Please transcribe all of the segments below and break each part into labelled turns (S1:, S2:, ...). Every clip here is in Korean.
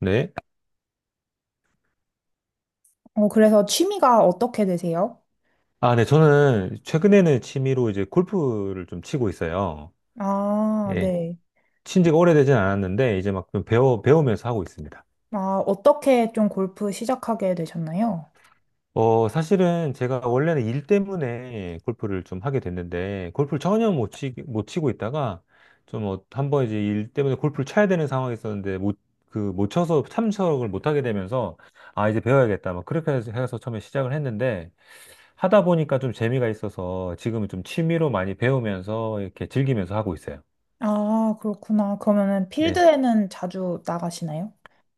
S1: 네.
S2: 그래서 취미가 어떻게 되세요?
S1: 아, 네. 저는 최근에는 취미로 이제 골프를 좀 치고 있어요.
S2: 아,
S1: 예.
S2: 네.
S1: 친 지가 오래되진 않았는데, 이제 막좀 배우면서 하고 있습니다.
S2: 아, 어떻게 좀 골프 시작하게 되셨나요?
S1: 사실은 제가 원래는 일 때문에 골프를 좀 하게 됐는데, 골프를 전혀 못 치고 있다가, 좀 한번 이제 일 때문에 골프를 쳐야 되는 상황이 있었는데, 못, 못 쳐서 참석을 못 하게 되면서, 아, 이제 배워야겠다. 막 그렇게 해서 처음에 시작을 했는데, 하다 보니까 좀 재미가 있어서 지금은 좀 취미로 많이 배우면서 이렇게 즐기면서 하고 있어요.
S2: 아, 그렇구나. 그러면은
S1: 네.
S2: 필드에는 자주 나가시나요?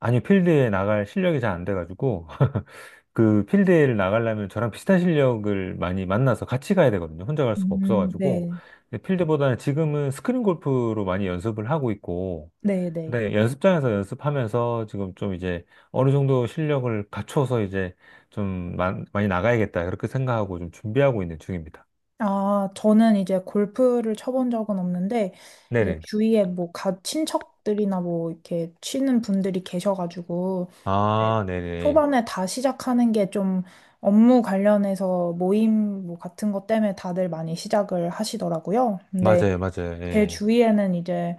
S1: 아니, 필드에 나갈 실력이 잘 안 돼가지고, 그 필드에 나가려면 저랑 비슷한 실력을 많이 만나서 같이 가야 되거든요. 혼자 갈 수가 없어가지고.
S2: 네.
S1: 근데 필드보다는 지금은 스크린 골프로 많이 연습을 하고 있고,
S2: 네, 네.
S1: 그다음에 연습장에서 연습하면서 지금 좀 이제 어느 정도 실력을 갖춰서 이제 좀 많이 나가야겠다. 그렇게 생각하고 좀 준비하고 있는 중입니다.
S2: 아, 저는 이제 골프를 쳐본 적은 없는데, 이제
S1: 네네.
S2: 주위에 뭐, 친척들이나 뭐, 이렇게 치는 분들이 계셔가지고, 네.
S1: 아, 네네.
S2: 초반에 다 시작하는 게 좀 업무 관련해서 모임 뭐 같은 것 때문에 다들 많이 시작을 하시더라고요. 근데
S1: 맞아요, 맞아요.
S2: 제
S1: 예.
S2: 주위에는 이제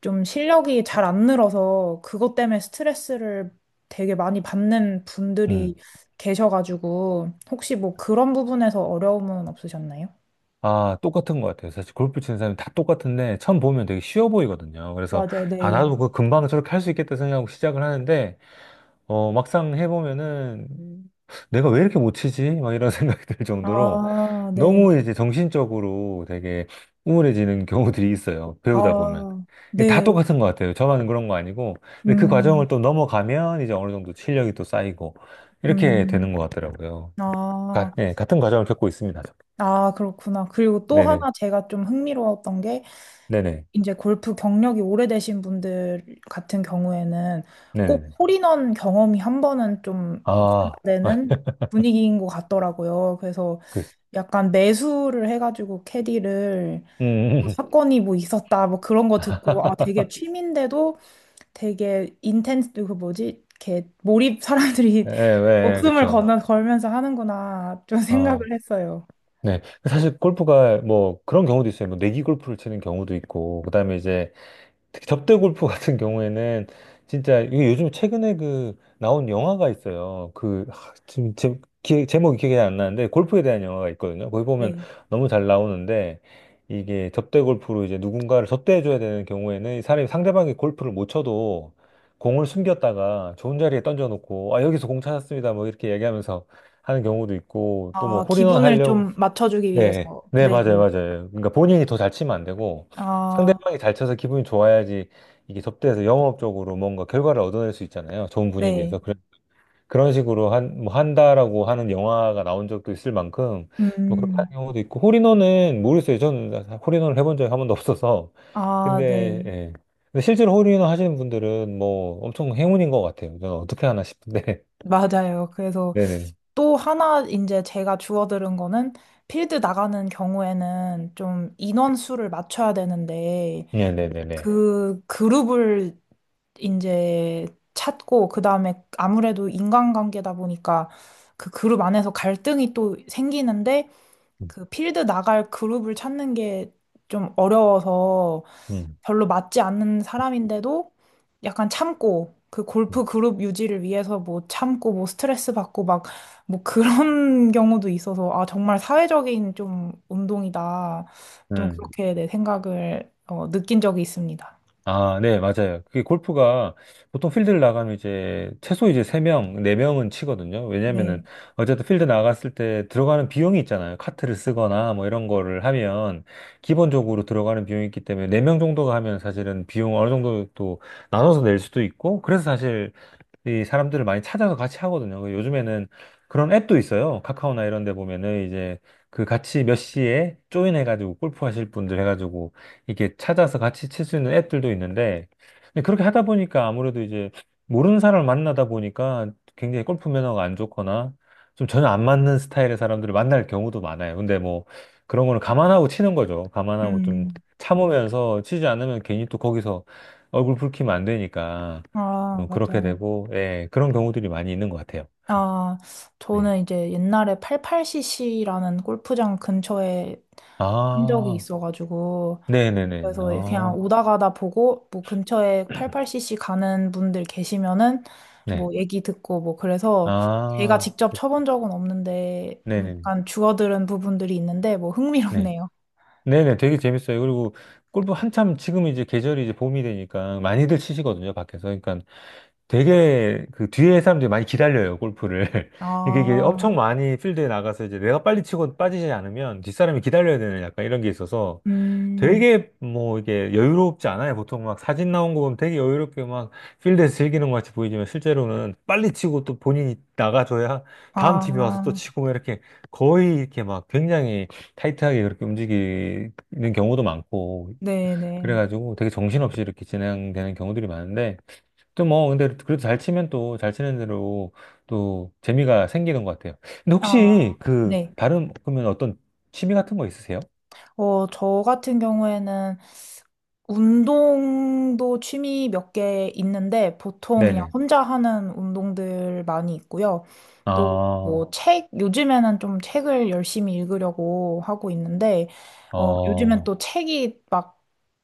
S2: 좀 실력이 잘 안 늘어서 그것 때문에 스트레스를 되게 많이 받는
S1: 음.
S2: 분들이 계셔가지고 혹시 뭐 그런 부분에서 어려움은 없으셨나요?
S1: 아, 똑같은 것 같아요. 사실 골프 치는 사람이 다 똑같은데 처음 보면 되게 쉬워 보이거든요. 그래서
S2: 맞아요,
S1: 아,
S2: 네.
S1: 나도 그 금방 저렇게 할 수 있겠다 생각하고 시작을 하는데 막상 해보면은 내가 왜 이렇게 못 치지? 막 이런 생각이 들 정도로
S2: 아, 네.
S1: 너무
S2: 네.
S1: 이제 정신적으로 되게 우울해지는 경우들이 있어요. 배우다 보면.
S2: 아,
S1: 이게 다
S2: 네.
S1: 똑같은 것 같아요. 저만 그런 거 아니고. 근데 그
S2: 음,
S1: 과정을 또 넘어가면 이제 어느 정도 실력이 또 쌓이고 이렇게
S2: 음.
S1: 되는 것 같더라고요.
S2: 아.
S1: 예, 같은 과정을 겪고 있습니다.
S2: 아, 그렇구나. 그리고 또
S1: 네네.
S2: 하나 제가 좀 흥미로웠던 게,
S1: 네네.
S2: 이제 골프 경력이 오래되신 분들 같은 경우에는 꼭
S1: 네네네.
S2: 홀인원 경험이 한 번은 좀 있어야
S1: 아, 아,
S2: 되는 분위기인 것 같더라고요. 그래서
S1: 그,
S2: 약간 매수를 해가지고 캐디를 뭐
S1: 음.
S2: 사건이 뭐 있었다, 뭐 그런 거 듣고, 아, 되게 취미인데도 되게 인텐스, 그 뭐지? 이렇게 몰입 사람들이
S1: 예, 예, 예, 예,
S2: 목숨을
S1: 그쵸.
S2: 건 걸면서 하는구나, 좀 생각을
S1: 아,
S2: 했어요.
S1: 네. 사실 골프가 뭐 그런 경우도 있어요. 뭐 내기 골프를 치는 경우도 있고, 그 다음에 이제 특히 접대 골프 같은 경우에는 진짜 이게 요즘 최근에 그 나온 영화가 있어요. 그 지금 제, 기 제목이 기억이 안 나는데 골프에 대한 영화가 있거든요. 거기 보면
S2: 네.
S1: 너무 잘 나오는데 이게 접대 골프로 이제 누군가를 접대해 줘야 되는 경우에는 이 사람이 상대방이 골프를 못 쳐도 공을 숨겼다가 좋은 자리에 던져놓고 아 여기서 공 찾았습니다 뭐 이렇게 얘기하면서 하는 경우도 있고 또 뭐
S2: 아,
S1: 홀인원
S2: 기분을
S1: 하려고
S2: 좀 맞춰주기
S1: 네,
S2: 위해서.
S1: 네,
S2: 네.
S1: 맞아요, 맞아요. 그러니까 본인이 더 잘 치면 안 되고
S2: 아,
S1: 상대방이 잘 쳐서 기분이 좋아야지 이게 접대해서 영업적으로 뭔가 결과를 얻어낼 수 있잖아요. 좋은
S2: 네.
S1: 분위기에서. 그런 식으로 뭐 한다라고 하는 영화가 나온 적도 있을 만큼 뭐 그렇게 하는
S2: 음.
S1: 경우도 있고 홀인원은 모르겠어요. 저는 홀인원을 해본 적이 한 번도 없어서.
S2: 아,
S1: 근데,
S2: 네.
S1: 예. 근데 실제로 홀인원 하시는 분들은 뭐 엄청 행운인 것 같아요. 저는 어떻게 하나 싶은데.
S2: 맞아요. 그래서
S1: 네네.
S2: 또 하나 이제 제가 주워들은 거는 필드 나가는 경우에는 좀 인원수를 맞춰야 되는데
S1: 네네네네.
S2: 그 그룹을 이제 찾고 그다음에 아무래도 인간관계다 보니까 그 그룹 안에서 갈등이 또 생기는데
S1: 음.
S2: 그 필드 나갈 그룹을 찾는 게 좀 어려워서
S1: 음.
S2: 별로 맞지 않는 사람인데도 약간 참고 그
S1: 음.
S2: 골프 그룹 유지를 위해서 뭐 참고 뭐 스트레스 받고 막 뭐 그런 경우도 있어서 아 정말 사회적인 좀 운동이다 좀
S1: 음.
S2: 그렇게 내 생각을 느낀 적이 있습니다.
S1: 아, 네, 맞아요. 그게 골프가 보통 필드를 나가면 이제 최소 이제 세명네명은 치거든요. 왜냐면은
S2: 네.
S1: 어쨌든 필드 나갔을 때 들어가는 비용이 있잖아요. 카트를 쓰거나 뭐 이런 거를 하면 기본적으로 들어가는 비용이 있기 때문에 네 명 정도가 하면 사실은 비용 어느 정도 또 나눠서 낼 수도 있고 그래서 사실 이 사람들을 많이 찾아서 같이 하거든요. 그 요즘에는 그런 앱도 있어요. 카카오나 이런 데 보면은 이제 그 같이 몇 시에 조인해가지고 골프 하실 분들 해가지고 이렇게 찾아서 같이 칠 수 있는 앱들도 있는데 근데 그렇게 하다 보니까 아무래도 이제 모르는 사람을 만나다 보니까 굉장히 골프 매너가 안 좋거나 좀 전혀 안 맞는 스타일의 사람들을 만날 경우도 많아요. 근데 뭐 그런 거는 감안하고 치는 거죠. 감안하고 좀
S2: 음.
S1: 참으면서 치지 않으면 괜히 또 거기서 얼굴 붉히면 안 되니까.
S2: 아,
S1: 그렇게
S2: 맞아요.
S1: 되고, 예, 그런 경우들이 많이 있는 것 같아요.
S2: 아,
S1: 네.
S2: 저는 이제 옛날에 88cc라는 골프장 근처에 한 적이
S1: 아,
S2: 있어가지고,
S1: 네네네.
S2: 그래서 예, 그냥
S1: 아,
S2: 오다 가다 보고, 뭐 근처에 88cc 가는 분들 계시면은,
S1: 네.
S2: 뭐 얘기 듣고, 뭐 그래서 제가
S1: 아,
S2: 직접 쳐본 적은 없는데, 뭐
S1: 네네네.
S2: 약간 주워들은 부분들이 있는데, 뭐
S1: 네.
S2: 흥미롭네요.
S1: 네네. 되게 재밌어요. 그리고 골프 한참 지금 이제 계절이 이제 봄이 되니까 많이들 치시거든요, 밖에서. 그러니까 되게 그 뒤에 사람들이 많이 기다려요, 골프를. 이게
S2: 아,
S1: 엄청 많이 필드에 나가서 이제 내가 빨리 치고 빠지지 않으면 뒷사람이 기다려야 되는 약간 이런 게 있어서
S2: 음,
S1: 되게 뭐 이게 여유롭지 않아요. 보통 막 사진 나온 거 보면 되게 여유롭게 막 필드에서 즐기는 것 같이 보이지만 실제로는 빨리 치고 또 본인이 나가줘야 다음 팀이 와서 또
S2: 아,
S1: 치고 막 이렇게 거의 이렇게 막 굉장히 타이트하게 그렇게 움직이는 경우도 많고
S2: 네네.
S1: 그래가지고 되게 정신없이 이렇게 진행되는 경우들이 많은데 또 뭐 근데 그래도 잘 치면 또 잘 치는 대로 또 재미가 생기는 것 같아요. 근데
S2: 아,
S1: 혹시 그
S2: 네.
S1: 다른 그러면 어떤 취미 같은 거 있으세요?
S2: 저 같은 경우에는 운동도 취미 몇 개 있는데 보통 그냥
S1: 네네.
S2: 혼자 하는 운동들 많이 있고요. 또 뭐
S1: 아.
S2: 요즘에는 좀 책을 열심히 읽으려고 하고 있는데, 요즘엔
S1: 어,
S2: 또 책이 막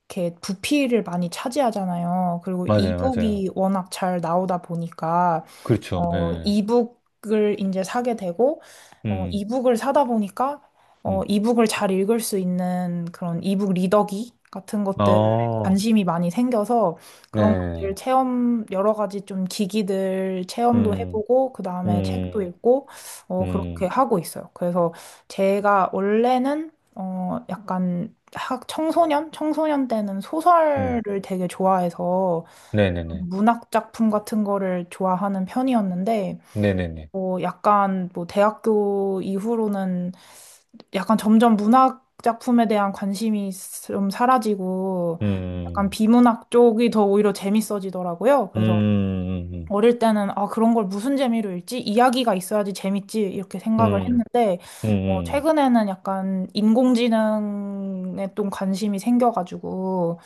S2: 이렇게 부피를 많이 차지하잖아요. 그리고
S1: 맞아요, 맞아요.
S2: 이북이 워낙 잘 나오다 보니까
S1: 그렇죠. 예.
S2: 이북을 이제 사게 되고,
S1: 음,
S2: 이북을 사다 보니까,
S1: 음.
S2: 이북을 잘 읽을 수 있는 그런 이북 리더기 같은 것들에
S1: 어,
S2: 관심이 많이 생겨서 그런 것들
S1: 네.
S2: 체험, 여러 가지 좀 기기들 체험도
S1: 음,
S2: 해보고, 그 다음에 책도
S1: 음,
S2: 읽고, 그렇게
S1: 음,
S2: 하고 있어요. 그래서 제가 원래는, 약간 청소년? 청소년 때는 소설을
S1: 음.
S2: 되게 좋아해서,
S1: 네네 네.
S2: 문학 작품 같은 거를 좋아하는 편이었는데,
S1: 네 네 네.
S2: 약간 뭐 대학교 이후로는 약간 점점 문학 작품에 대한 관심이 좀 사라지고, 약간
S1: 음,
S2: 비문학 쪽이 더 오히려 재밌어지더라고요.
S1: 음,
S2: 그래서
S1: 음, 음,
S2: 어릴 때는 아, 그런 걸 무슨 재미로 읽지? 이야기가 있어야지 재밌지. 이렇게 생각을
S1: 음,
S2: 했는데,
S1: 음. 음.
S2: 최근에는 약간 인공지능에 좀 관심이 생겨가지고,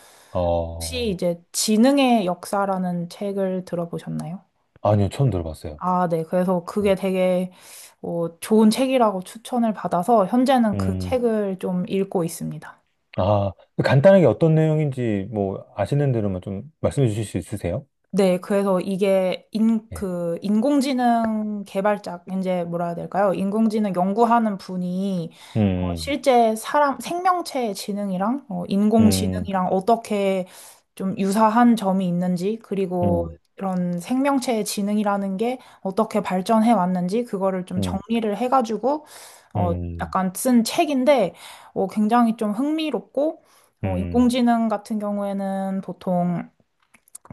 S2: 혹시
S1: 어,
S2: 이제 지능의 역사라는 책을 들어보셨나요?
S1: 아니요, 처음 들어봤어요.
S2: 아, 네. 그래서 그게 되게 좋은 책이라고 추천을 받아서 현재는 그
S1: 음,
S2: 책을 좀 읽고 있습니다.
S1: 아, 간단하게 어떤 내용인지 뭐 아시는 대로만 좀 말씀해 주실 수 있으세요?
S2: 네, 그래서 이게
S1: 예.
S2: 인공지능 개발자, 이제 뭐라 해야 될까요? 인공지능 연구하는 분이
S1: 음,
S2: 실제 사람, 생명체의 지능이랑
S1: 음,
S2: 인공지능이랑 어떻게 좀 유사한 점이 있는지, 그리고
S1: 음,
S2: 이런 생명체의 지능이라는 게 어떻게 발전해 왔는지, 그거를 좀
S1: 음,
S2: 정리를 해가지고, 어,
S1: 음,
S2: 약간 쓴 책인데, 굉장히 좀 흥미롭고,
S1: 음, 음.
S2: 인공지능 같은 경우에는 보통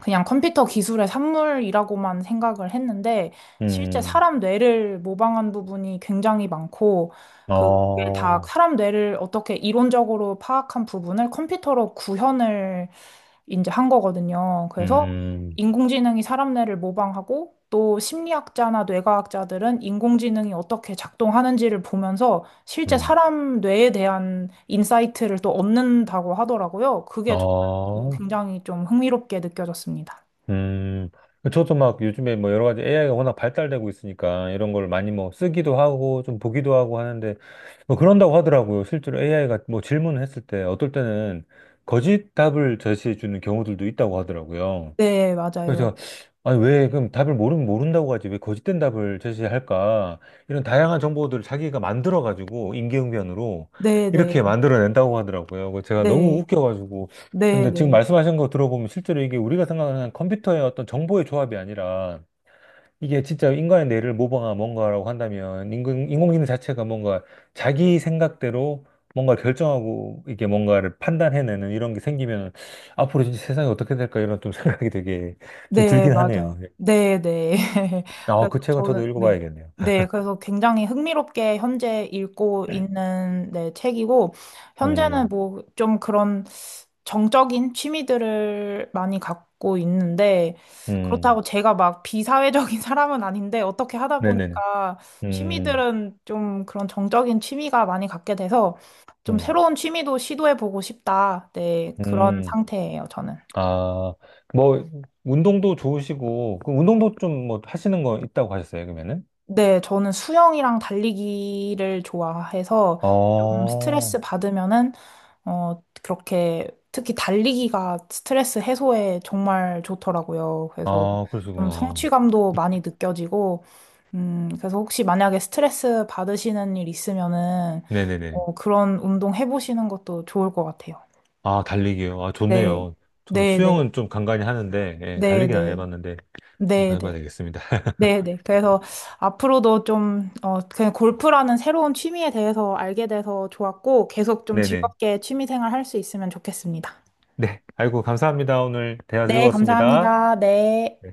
S2: 그냥 컴퓨터 기술의 산물이라고만 생각을 했는데 실제
S1: 음.
S2: 사람 뇌를 모방한 부분이 굉장히 많고 그게 다
S1: 어,
S2: 사람 뇌를 어떻게 이론적으로 파악한 부분을 컴퓨터로 구현을 이제 한 거거든요. 그래서
S1: 음,
S2: 인공지능이 사람 뇌를 모방하고 또 심리학자나 뇌과학자들은 인공지능이 어떻게 작동하는지를 보면서 실제
S1: 음,
S2: 사람 뇌에 대한 인사이트를 또 얻는다고 하더라고요. 그게
S1: 어,
S2: 굉장히 좀 흥미롭게 느껴졌습니다.
S1: 음. 저도 막 요즘에 뭐 여러 가지 AI가 워낙 발달되고 있으니까 이런 걸 많이 뭐 쓰기도 하고 좀 보기도 하고 하는데 뭐 그런다고 하더라고요. 실제로 AI가 뭐 질문을 했을 때 어떨 때는 거짓 답을 제시해 주는 경우들도 있다고 하더라고요.
S2: 네, 맞아요.
S1: 그래서 제가 아니 왜 그럼 답을 모르면 모른다고 하지 왜 거짓된 답을 제시할까 이런 다양한 정보들을 자기가 만들어 가지고 임기응변으로
S2: 네, 네,
S1: 이렇게 만들어낸다고 하더라고요. 그래서 제가 너무
S2: 네,
S1: 웃겨가지고
S2: 네,
S1: 근데 지금
S2: 네.
S1: 말씀하신 거 들어보면 실제로 이게 우리가 생각하는 컴퓨터의 어떤 정보의 조합이 아니라 이게 진짜 인간의 뇌를 모방한 뭔가라고 한다면 인공지능 자체가 뭔가 자기 생각대로 뭔가 결정하고 이게 뭔가를 판단해내는 이런 게 생기면 앞으로 진짜 세상이 어떻게 될까 이런 좀 생각이 되게 좀
S2: 네,
S1: 들긴
S2: 맞아요.
S1: 하네요.
S2: 네, 네.
S1: 아,
S2: 그래서
S1: 그 책은 저도
S2: 저는, 네.
S1: 읽어봐야겠네요.
S2: 네, 그래서 굉장히 흥미롭게 현재 읽고 있는 네, 책이고, 현재는
S1: 음,
S2: 뭐 좀 그런 정적인 취미들을 많이 갖고 있는데,
S1: 음,
S2: 그렇다고 제가 막 비사회적인 사람은 아닌데, 어떻게 하다
S1: 네네네.
S2: 보니까
S1: 음,
S2: 취미들은 좀 그런 정적인 취미가 많이 갖게 돼서, 좀
S1: 음,
S2: 새로운 취미도 시도해보고 싶다. 네, 그런
S1: 음.
S2: 상태예요, 저는.
S1: 아, 뭐, 운동도 좋으시고, 그 운동도 좀 뭐 하시는 거 있다고 하셨어요, 그러면은?
S2: 네, 저는 수영이랑 달리기를 좋아해서
S1: 아,
S2: 좀 스트레스 받으면은, 그렇게 특히 달리기가 스트레스 해소에 정말 좋더라고요. 그래서
S1: 아,
S2: 좀
S1: 그러시구나.
S2: 성취감도 많이 느껴지고, 그래서 혹시 만약에 스트레스 받으시는 일 있으면은,
S1: 네네네.
S2: 그런 운동 해보시는 것도 좋을 것 같아요.
S1: 아, 달리기요. 아,
S2: 네,
S1: 좋네요. 저는
S2: 네, 네,
S1: 수영은 좀 간간히 하는데, 예,
S2: 네,
S1: 달리기는 안
S2: 네,
S1: 해봤는데,
S2: 네,
S1: 한번 해봐야
S2: 네.
S1: 되겠습니다.
S2: 네네. 그래서 앞으로도 좀, 그냥 골프라는 새로운 취미에 대해서 알게 돼서 좋았고, 계속 좀
S1: 네네.
S2: 즐겁게 취미 생활 할 수 있으면 좋겠습니다.
S1: 네. 아이고, 감사합니다. 오늘 대화
S2: 네,
S1: 즐거웠습니다.
S2: 감사합니다. 네.
S1: 네.